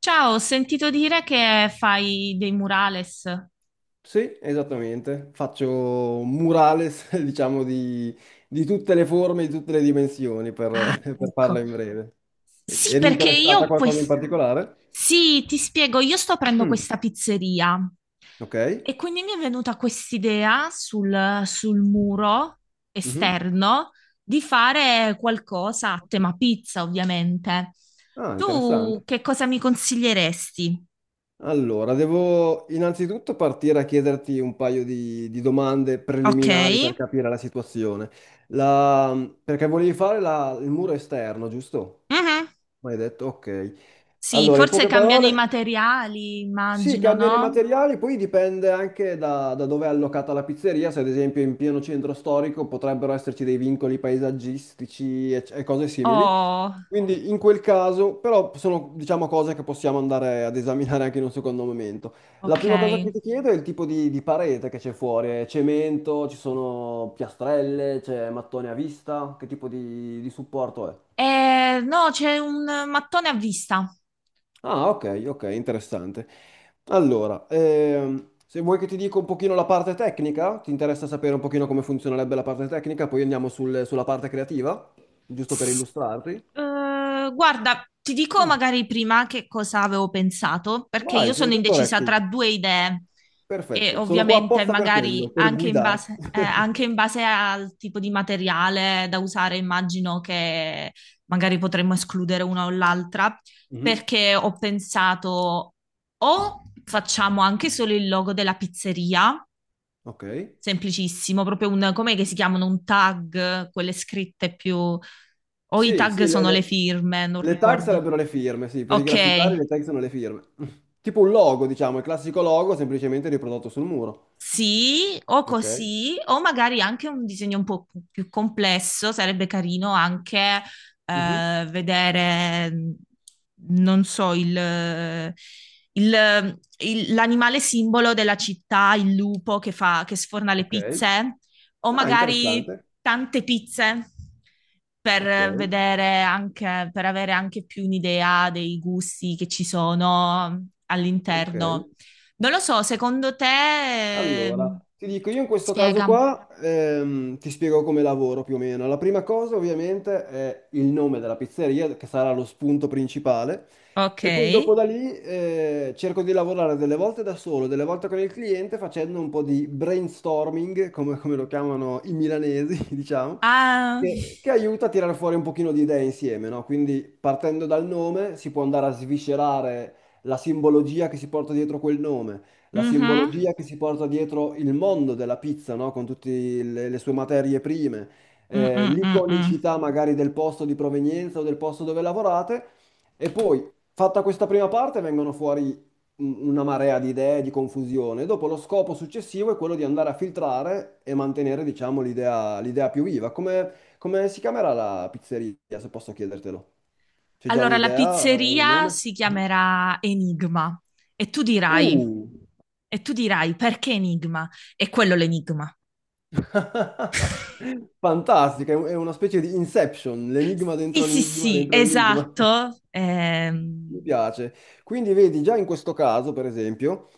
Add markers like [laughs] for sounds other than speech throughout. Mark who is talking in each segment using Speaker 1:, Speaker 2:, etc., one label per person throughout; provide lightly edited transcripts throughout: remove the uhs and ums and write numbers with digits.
Speaker 1: Ciao, ho sentito dire che fai dei murales.
Speaker 2: Sì, esattamente. Faccio un murales, [laughs] diciamo, di tutte le forme, di tutte le dimensioni,
Speaker 1: Ah,
Speaker 2: [laughs] per farla
Speaker 1: ecco.
Speaker 2: in breve.
Speaker 1: Sì,
Speaker 2: Eri
Speaker 1: perché io
Speaker 2: interessata a
Speaker 1: ho
Speaker 2: qualcosa in
Speaker 1: questa.
Speaker 2: particolare?
Speaker 1: Sì, ti spiego, io sto aprendo
Speaker 2: Mm.
Speaker 1: questa pizzeria
Speaker 2: Ok.
Speaker 1: e quindi mi è venuta quest'idea sul muro
Speaker 2: Mhm.
Speaker 1: esterno di fare qualcosa a tema pizza, ovviamente.
Speaker 2: Ah,
Speaker 1: Tu
Speaker 2: interessante.
Speaker 1: che cosa mi consiglieresti?
Speaker 2: Allora, devo innanzitutto partire a chiederti un paio di domande
Speaker 1: Ok.
Speaker 2: preliminari per capire la situazione. La- Perché volevi fare il muro esterno, giusto?
Speaker 1: Mhm.
Speaker 2: Ma hai detto, ok.
Speaker 1: Sì,
Speaker 2: Allora, in
Speaker 1: forse
Speaker 2: poche
Speaker 1: cambiano i
Speaker 2: parole,
Speaker 1: materiali,
Speaker 2: sì,
Speaker 1: immagino,
Speaker 2: cambiano i
Speaker 1: no?
Speaker 2: materiali, poi dipende anche da dove è allocata la pizzeria, se ad esempio in pieno centro storico potrebbero esserci dei vincoli paesaggistici e cose simili.
Speaker 1: Oh.
Speaker 2: Quindi in quel caso, però sono diciamo cose che possiamo andare ad esaminare anche in un secondo momento. La
Speaker 1: Ok.
Speaker 2: prima cosa che ti chiedo è il tipo di parete che c'è fuori, è cemento, ci sono piastrelle, c'è mattone a vista, che tipo di supporto è?
Speaker 1: No, c'è un mattone a vista.
Speaker 2: Ah, ok, ok, interessante. Allora, se vuoi che ti dica un pochino la parte tecnica, ti interessa sapere un pochino come funzionerebbe la parte tecnica, poi andiamo sulla parte creativa, giusto per
Speaker 1: S-
Speaker 2: illustrarti.
Speaker 1: Guarda, ti dico
Speaker 2: Mm.
Speaker 1: magari prima che cosa avevo pensato, perché io
Speaker 2: Vai, sono
Speaker 1: sono
Speaker 2: tutto
Speaker 1: indecisa
Speaker 2: orecchi.
Speaker 1: tra due idee e
Speaker 2: Perfetto, sono qua
Speaker 1: ovviamente
Speaker 2: apposta per quello,
Speaker 1: magari
Speaker 2: per
Speaker 1: anche in
Speaker 2: guidarti.
Speaker 1: base, eh,
Speaker 2: [laughs]
Speaker 1: anche in base al tipo di materiale da usare, immagino che magari potremmo escludere una o l'altra,
Speaker 2: Mhm.
Speaker 1: perché ho pensato o facciamo anche solo il logo della pizzeria.
Speaker 2: Ok.
Speaker 1: Semplicissimo, proprio un, com'è che si chiamano? Un tag, quelle scritte più. O i
Speaker 2: Sì,
Speaker 1: tag
Speaker 2: sì,
Speaker 1: sono le firme, non
Speaker 2: le tag
Speaker 1: ricordo.
Speaker 2: sarebbero le firme, sì, per i graffitari
Speaker 1: Ok.
Speaker 2: le tag sono le firme. [laughs] Tipo un logo, diciamo, il classico logo semplicemente riprodotto sul muro.
Speaker 1: Sì, o
Speaker 2: Ok.
Speaker 1: così, o magari anche un disegno un po' più complesso, sarebbe carino anche
Speaker 2: Mhm.
Speaker 1: vedere, non so, l'animale simbolo della città, il lupo che sforna le
Speaker 2: Ok.
Speaker 1: pizze, o
Speaker 2: Ah,
Speaker 1: magari
Speaker 2: interessante.
Speaker 1: tante pizze
Speaker 2: Ok,
Speaker 1: per avere anche più un'idea dei gusti che ci sono
Speaker 2: ok.
Speaker 1: all'interno. Non lo so, secondo te.
Speaker 2: Allora,
Speaker 1: ehm,
Speaker 2: ti dico, io in questo caso
Speaker 1: Spiega.
Speaker 2: qua ti spiego come lavoro più o meno. La prima cosa ovviamente è il nome della pizzeria, che sarà lo spunto principale,
Speaker 1: Ok.
Speaker 2: e poi dopo da lì cerco di lavorare delle volte da solo, delle volte con il cliente, facendo un po' di brainstorming, come, come lo chiamano i milanesi, [laughs] diciamo,
Speaker 1: Ah,
Speaker 2: che aiuta a tirare fuori un pochino di idee insieme, no? Quindi partendo dal nome si può andare a sviscerare la simbologia che si porta dietro quel nome, la
Speaker 1: mhm,
Speaker 2: simbologia che si porta dietro il mondo della pizza, no? Con tutte le sue materie prime,
Speaker 1: mm, mm, mm, mm.
Speaker 2: l'iconicità magari del posto di provenienza o del posto dove lavorate. E poi, fatta questa prima parte, vengono fuori una marea di idee, di confusione. Dopo lo scopo successivo è quello di andare a filtrare e mantenere, diciamo, l'idea più viva. Come, come si chiamerà la pizzeria, se posso chiedertelo? C'è già
Speaker 1: Allora, la
Speaker 2: un'idea, un
Speaker 1: pizzeria
Speaker 2: nome?
Speaker 1: si chiamerà Enigma e tu dirai,
Speaker 2: Uh!
Speaker 1: e tu dirai perché Enigma? È quello l'enigma.
Speaker 2: [laughs] Fantastica, è è una specie di Inception, l'enigma
Speaker 1: Sì,
Speaker 2: dentro
Speaker 1: sì,
Speaker 2: l'enigma
Speaker 1: sì,
Speaker 2: dentro l'enigma. [laughs]
Speaker 1: esatto.
Speaker 2: Mi piace. Quindi vedi, già in questo caso, per esempio,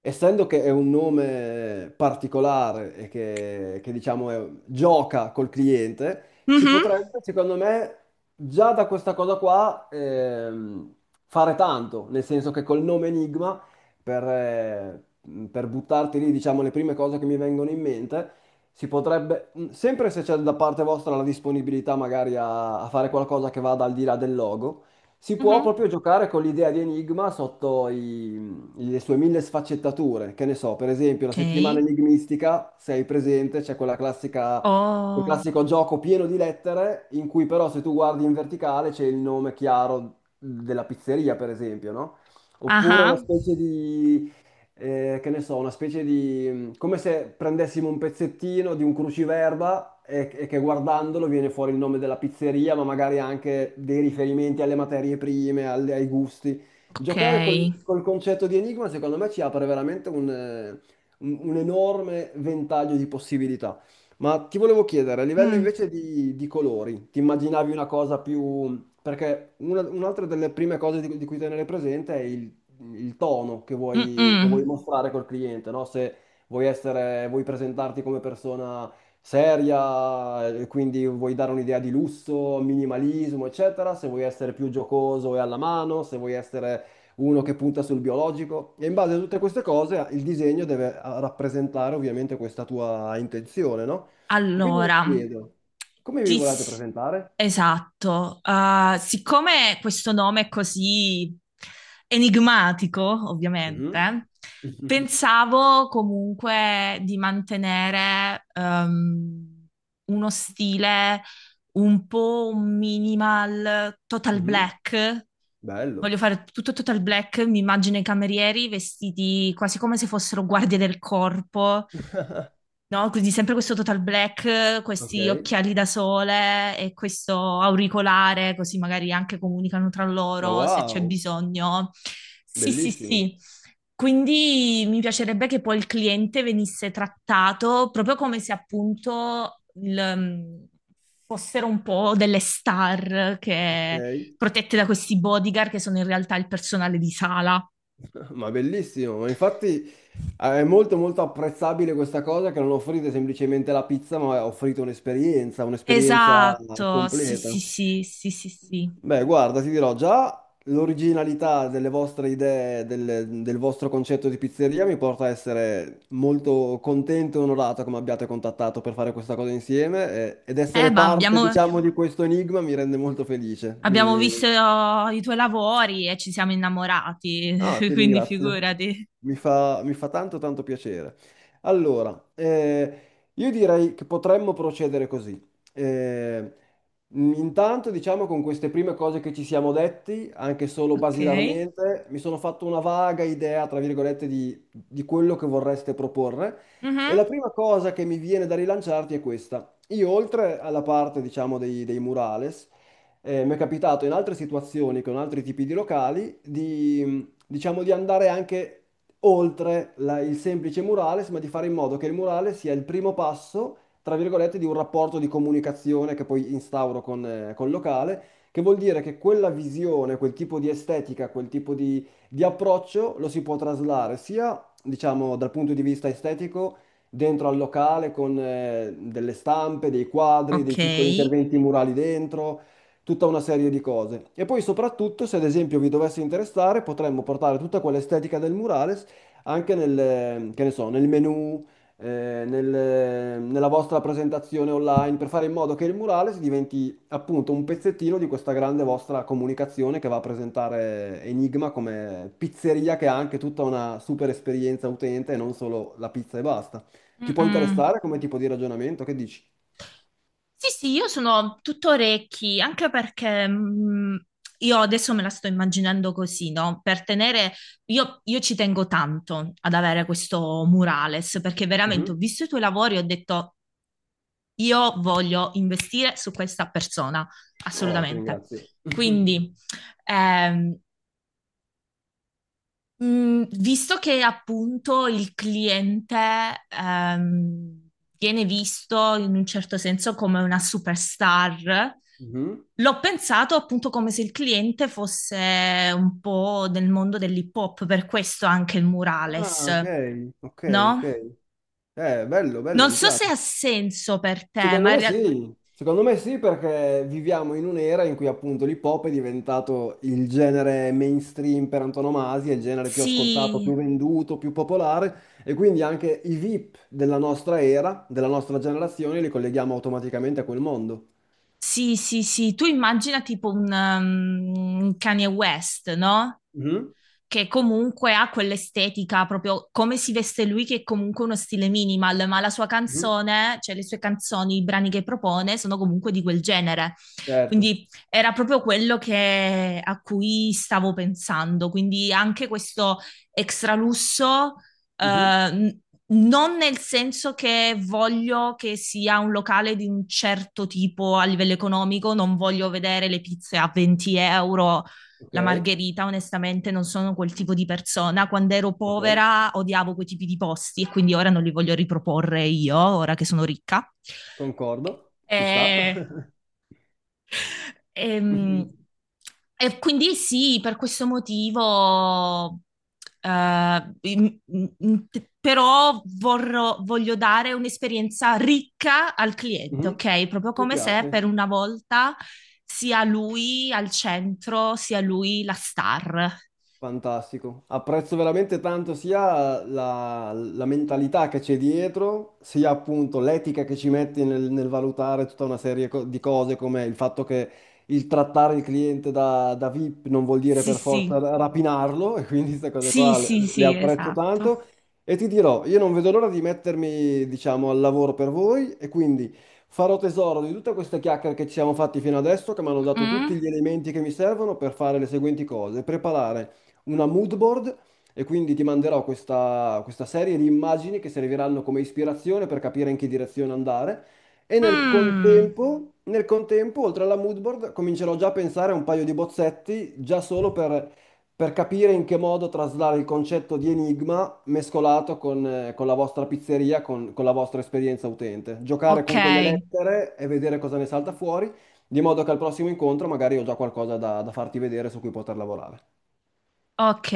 Speaker 2: essendo che è un nome particolare e diciamo gioca col cliente, si
Speaker 1: Mhm,
Speaker 2: potrebbe, secondo me, già da questa cosa qua fare tanto, nel senso che col nome Enigma, per, eh, per buttarti lì, diciamo, le prime cose che mi vengono in mente, si potrebbe, sempre se c'è da parte vostra la disponibilità magari a fare qualcosa che vada al di là del logo, si può
Speaker 1: mhm.
Speaker 2: proprio giocare con l'idea di Enigma sotto i le sue mille sfaccettature. Che ne so, per esempio, la settimana
Speaker 1: Ok.
Speaker 2: enigmistica, se hai presente, c'è quella classica, quel
Speaker 1: Oh,
Speaker 2: classico gioco pieno di lettere, in cui però se tu guardi in verticale c'è il nome chiaro della pizzeria, per esempio, no? Oppure una
Speaker 1: ah,
Speaker 2: specie di che ne so, una specie di mm, come se prendessimo un pezzettino di un cruciverba e che guardandolo viene fuori il nome della pizzeria, ma magari anche dei riferimenti alle materie prime, ai gusti. Giocare
Speaker 1: ok.
Speaker 2: col concetto di enigma, secondo me, ci apre veramente un, un enorme ventaglio di possibilità. Ma ti volevo chiedere, a livello
Speaker 1: Mm,
Speaker 2: invece di colori, ti immaginavi una cosa più... Perché un'altra delle prime cose di cui tenere presente è il tono
Speaker 1: mm,
Speaker 2: che vuoi
Speaker 1: mm.
Speaker 2: mostrare col cliente, no? Se vuoi presentarti come persona seria, e quindi vuoi dare un'idea di lusso, minimalismo, eccetera, se vuoi essere più giocoso e alla mano, se vuoi essere uno che punta sul biologico. E in base a tutte queste cose il disegno deve rappresentare ovviamente questa tua intenzione, no? Quindi mi
Speaker 1: Allora,
Speaker 2: chiedo, come vi
Speaker 1: ti
Speaker 2: volete
Speaker 1: s-
Speaker 2: presentare?
Speaker 1: esatto. Ah, siccome questo nome è così enigmatico,
Speaker 2: Mhm.
Speaker 1: ovviamente,
Speaker 2: [laughs]
Speaker 1: pensavo comunque di mantenere uno stile un po' un minimal total
Speaker 2: Mhm.
Speaker 1: black.
Speaker 2: Bello.
Speaker 1: Voglio fare tutto total black, mi immagino i camerieri vestiti quasi come se fossero guardie del corpo, no? Quindi sempre questo total black, questi
Speaker 2: Ok.
Speaker 1: occhiali da sole e questo auricolare, così magari anche comunicano tra
Speaker 2: Ma
Speaker 1: loro se c'è
Speaker 2: wow.
Speaker 1: bisogno. Sì, sì,
Speaker 2: Bellissimo,
Speaker 1: sì. Quindi mi piacerebbe che poi il cliente venisse trattato proprio come se appunto fossero un po' delle star
Speaker 2: ok,
Speaker 1: che, protette da questi bodyguard che sono in realtà il personale di sala.
Speaker 2: [laughs] ma bellissimo, ma infatti è molto molto apprezzabile questa cosa che non offrite semplicemente la pizza, ma offrite un'esperienza, un'esperienza
Speaker 1: Esatto, sì, sì,
Speaker 2: completa.
Speaker 1: sì, sì, sì, sì.
Speaker 2: Beh, guarda, ti dirò già l'originalità delle vostre idee, del vostro concetto di pizzeria mi porta a essere molto contento e onorato come abbiate contattato per fare questa cosa insieme ed essere
Speaker 1: Ma
Speaker 2: parte,
Speaker 1: abbiamo,
Speaker 2: diciamo, di questo enigma mi rende molto felice.
Speaker 1: abbiamo
Speaker 2: Mi...
Speaker 1: visto i tuoi lavori e ci siamo innamorati,
Speaker 2: Ah,
Speaker 1: [laughs]
Speaker 2: ti
Speaker 1: quindi
Speaker 2: ringrazio.
Speaker 1: figurati.
Speaker 2: Mi fa tanto tanto piacere. Allora, io direi che potremmo procedere così. Eh, intanto, diciamo, con queste prime cose che ci siamo detti, anche solo
Speaker 1: Ok.
Speaker 2: basilarmente, mi sono fatto una vaga idea, tra virgolette, di quello che vorreste proporre. E
Speaker 1: Mhm.
Speaker 2: la prima cosa che mi viene da rilanciarti è questa. Io, oltre alla parte, diciamo, dei murales, mi è capitato in altre situazioni con altri tipi di locali di, diciamo di andare anche oltre il semplice murales, ma di fare in modo che il murale sia il primo passo, tra virgolette, di un rapporto di comunicazione che poi instauro con, col locale, che vuol dire che quella visione, quel tipo di estetica, quel tipo di approccio lo si può traslare sia, diciamo, dal punto di vista estetico dentro al locale con delle stampe, dei quadri,
Speaker 1: Ok.
Speaker 2: dei piccoli interventi murali dentro tutta una serie di cose. E poi soprattutto, se ad esempio vi dovesse interessare, potremmo portare tutta quell'estetica del murales anche nel, che ne so, nel menu, nella vostra presentazione online, per fare in modo che il murales diventi appunto un pezzettino di questa grande vostra comunicazione che va a presentare Enigma come pizzeria che ha anche tutta una super esperienza utente e non solo la pizza e basta. Ti può
Speaker 1: Mm-mm.
Speaker 2: interessare come tipo di ragionamento? Che dici?
Speaker 1: Sì, sì, io sono tutto orecchi, anche perché io adesso me la sto immaginando così, no? Io ci tengo tanto ad avere questo murales, perché veramente
Speaker 2: Mhm.
Speaker 1: ho visto i tuoi lavori e ho detto, io voglio investire su questa persona,
Speaker 2: Oh, ti
Speaker 1: assolutamente.
Speaker 2: ringrazio.
Speaker 1: Quindi, ehm, visto che appunto il cliente ehm, viene visto in un certo senso come una superstar,
Speaker 2: Mhm.
Speaker 1: l'ho pensato appunto come se il cliente fosse un po' del mondo dell'hip hop, per questo anche il murales,
Speaker 2: Ah, ok, ok, ok.
Speaker 1: no?
Speaker 2: Bello, bello,
Speaker 1: Non
Speaker 2: mi
Speaker 1: so se
Speaker 2: piace.
Speaker 1: ha senso per te, ma
Speaker 2: Secondo me sì perché viviamo in un'era in cui appunto l'hip hop è diventato il genere mainstream per antonomasia, il genere più ascoltato,
Speaker 1: sì,
Speaker 2: più venduto, più popolare e quindi anche i VIP della nostra era, della nostra generazione, li colleghiamo automaticamente a quel mondo.
Speaker 1: sì, sì, sì, tu immagina tipo un Kanye West, no?
Speaker 2: Mhm,
Speaker 1: Che comunque ha quell'estetica, proprio come si veste lui, che è comunque uno stile minimal, ma la sua
Speaker 2: mhm,
Speaker 1: canzone, cioè le sue canzoni, i brani che propone, sono comunque di quel genere.
Speaker 2: certo.
Speaker 1: Quindi era proprio quello che, a cui stavo pensando. Quindi anche questo extra lusso.
Speaker 2: Mhm.
Speaker 1: eh, Non nel senso che voglio che sia un locale di un certo tipo a livello economico, non voglio vedere le pizze a 20€
Speaker 2: Ok,
Speaker 1: la margherita, onestamente, non sono quel tipo di persona. Quando ero
Speaker 2: ok,
Speaker 1: povera odiavo quei tipi di posti e quindi ora non li voglio riproporre io, ora che sono ricca.
Speaker 2: concordo. Ci sta.
Speaker 1: E,
Speaker 2: [laughs]
Speaker 1: ehm,
Speaker 2: Mhm,
Speaker 1: e quindi sì, per questo motivo, eh, in- in- però voglio dare un'esperienza ricca al cliente,
Speaker 2: mhm.
Speaker 1: ok? Proprio
Speaker 2: Mi
Speaker 1: come se per
Speaker 2: piace.
Speaker 1: una volta sia lui al centro, sia lui la star.
Speaker 2: Fantastico, apprezzo veramente tanto sia la mentalità che c'è dietro, sia appunto l'etica che ci metti nel, nel valutare tutta una serie di cose, come il fatto che il trattare il cliente da VIP non vuol dire
Speaker 1: Sì,
Speaker 2: per
Speaker 1: sì,
Speaker 2: forza rapinarlo, e quindi queste cose
Speaker 1: sì,
Speaker 2: qua
Speaker 1: sì,
Speaker 2: le
Speaker 1: sì,
Speaker 2: apprezzo
Speaker 1: esatto.
Speaker 2: tanto. E ti dirò, io non vedo l'ora di mettermi, diciamo, al lavoro per voi, e quindi farò tesoro di tutte queste chiacchiere che ci siamo fatti fino adesso, che mi hanno dato tutti
Speaker 1: Mm-mm.
Speaker 2: gli elementi che mi servono per fare le seguenti cose, preparare una mood board e quindi ti manderò questa, questa serie di immagini che serviranno come ispirazione per capire in che direzione andare. E
Speaker 1: Mm.
Speaker 2: nel contempo, oltre alla mood board, comincerò già a pensare a un paio di bozzetti, già solo per capire in che modo traslare il concetto di enigma mescolato con la vostra pizzeria, con la vostra esperienza utente. Giocare
Speaker 1: Ok,
Speaker 2: con quelle lettere e vedere cosa ne salta fuori, di modo che al prossimo incontro magari ho già qualcosa da da farti vedere su cui poter lavorare.
Speaker 1: ok.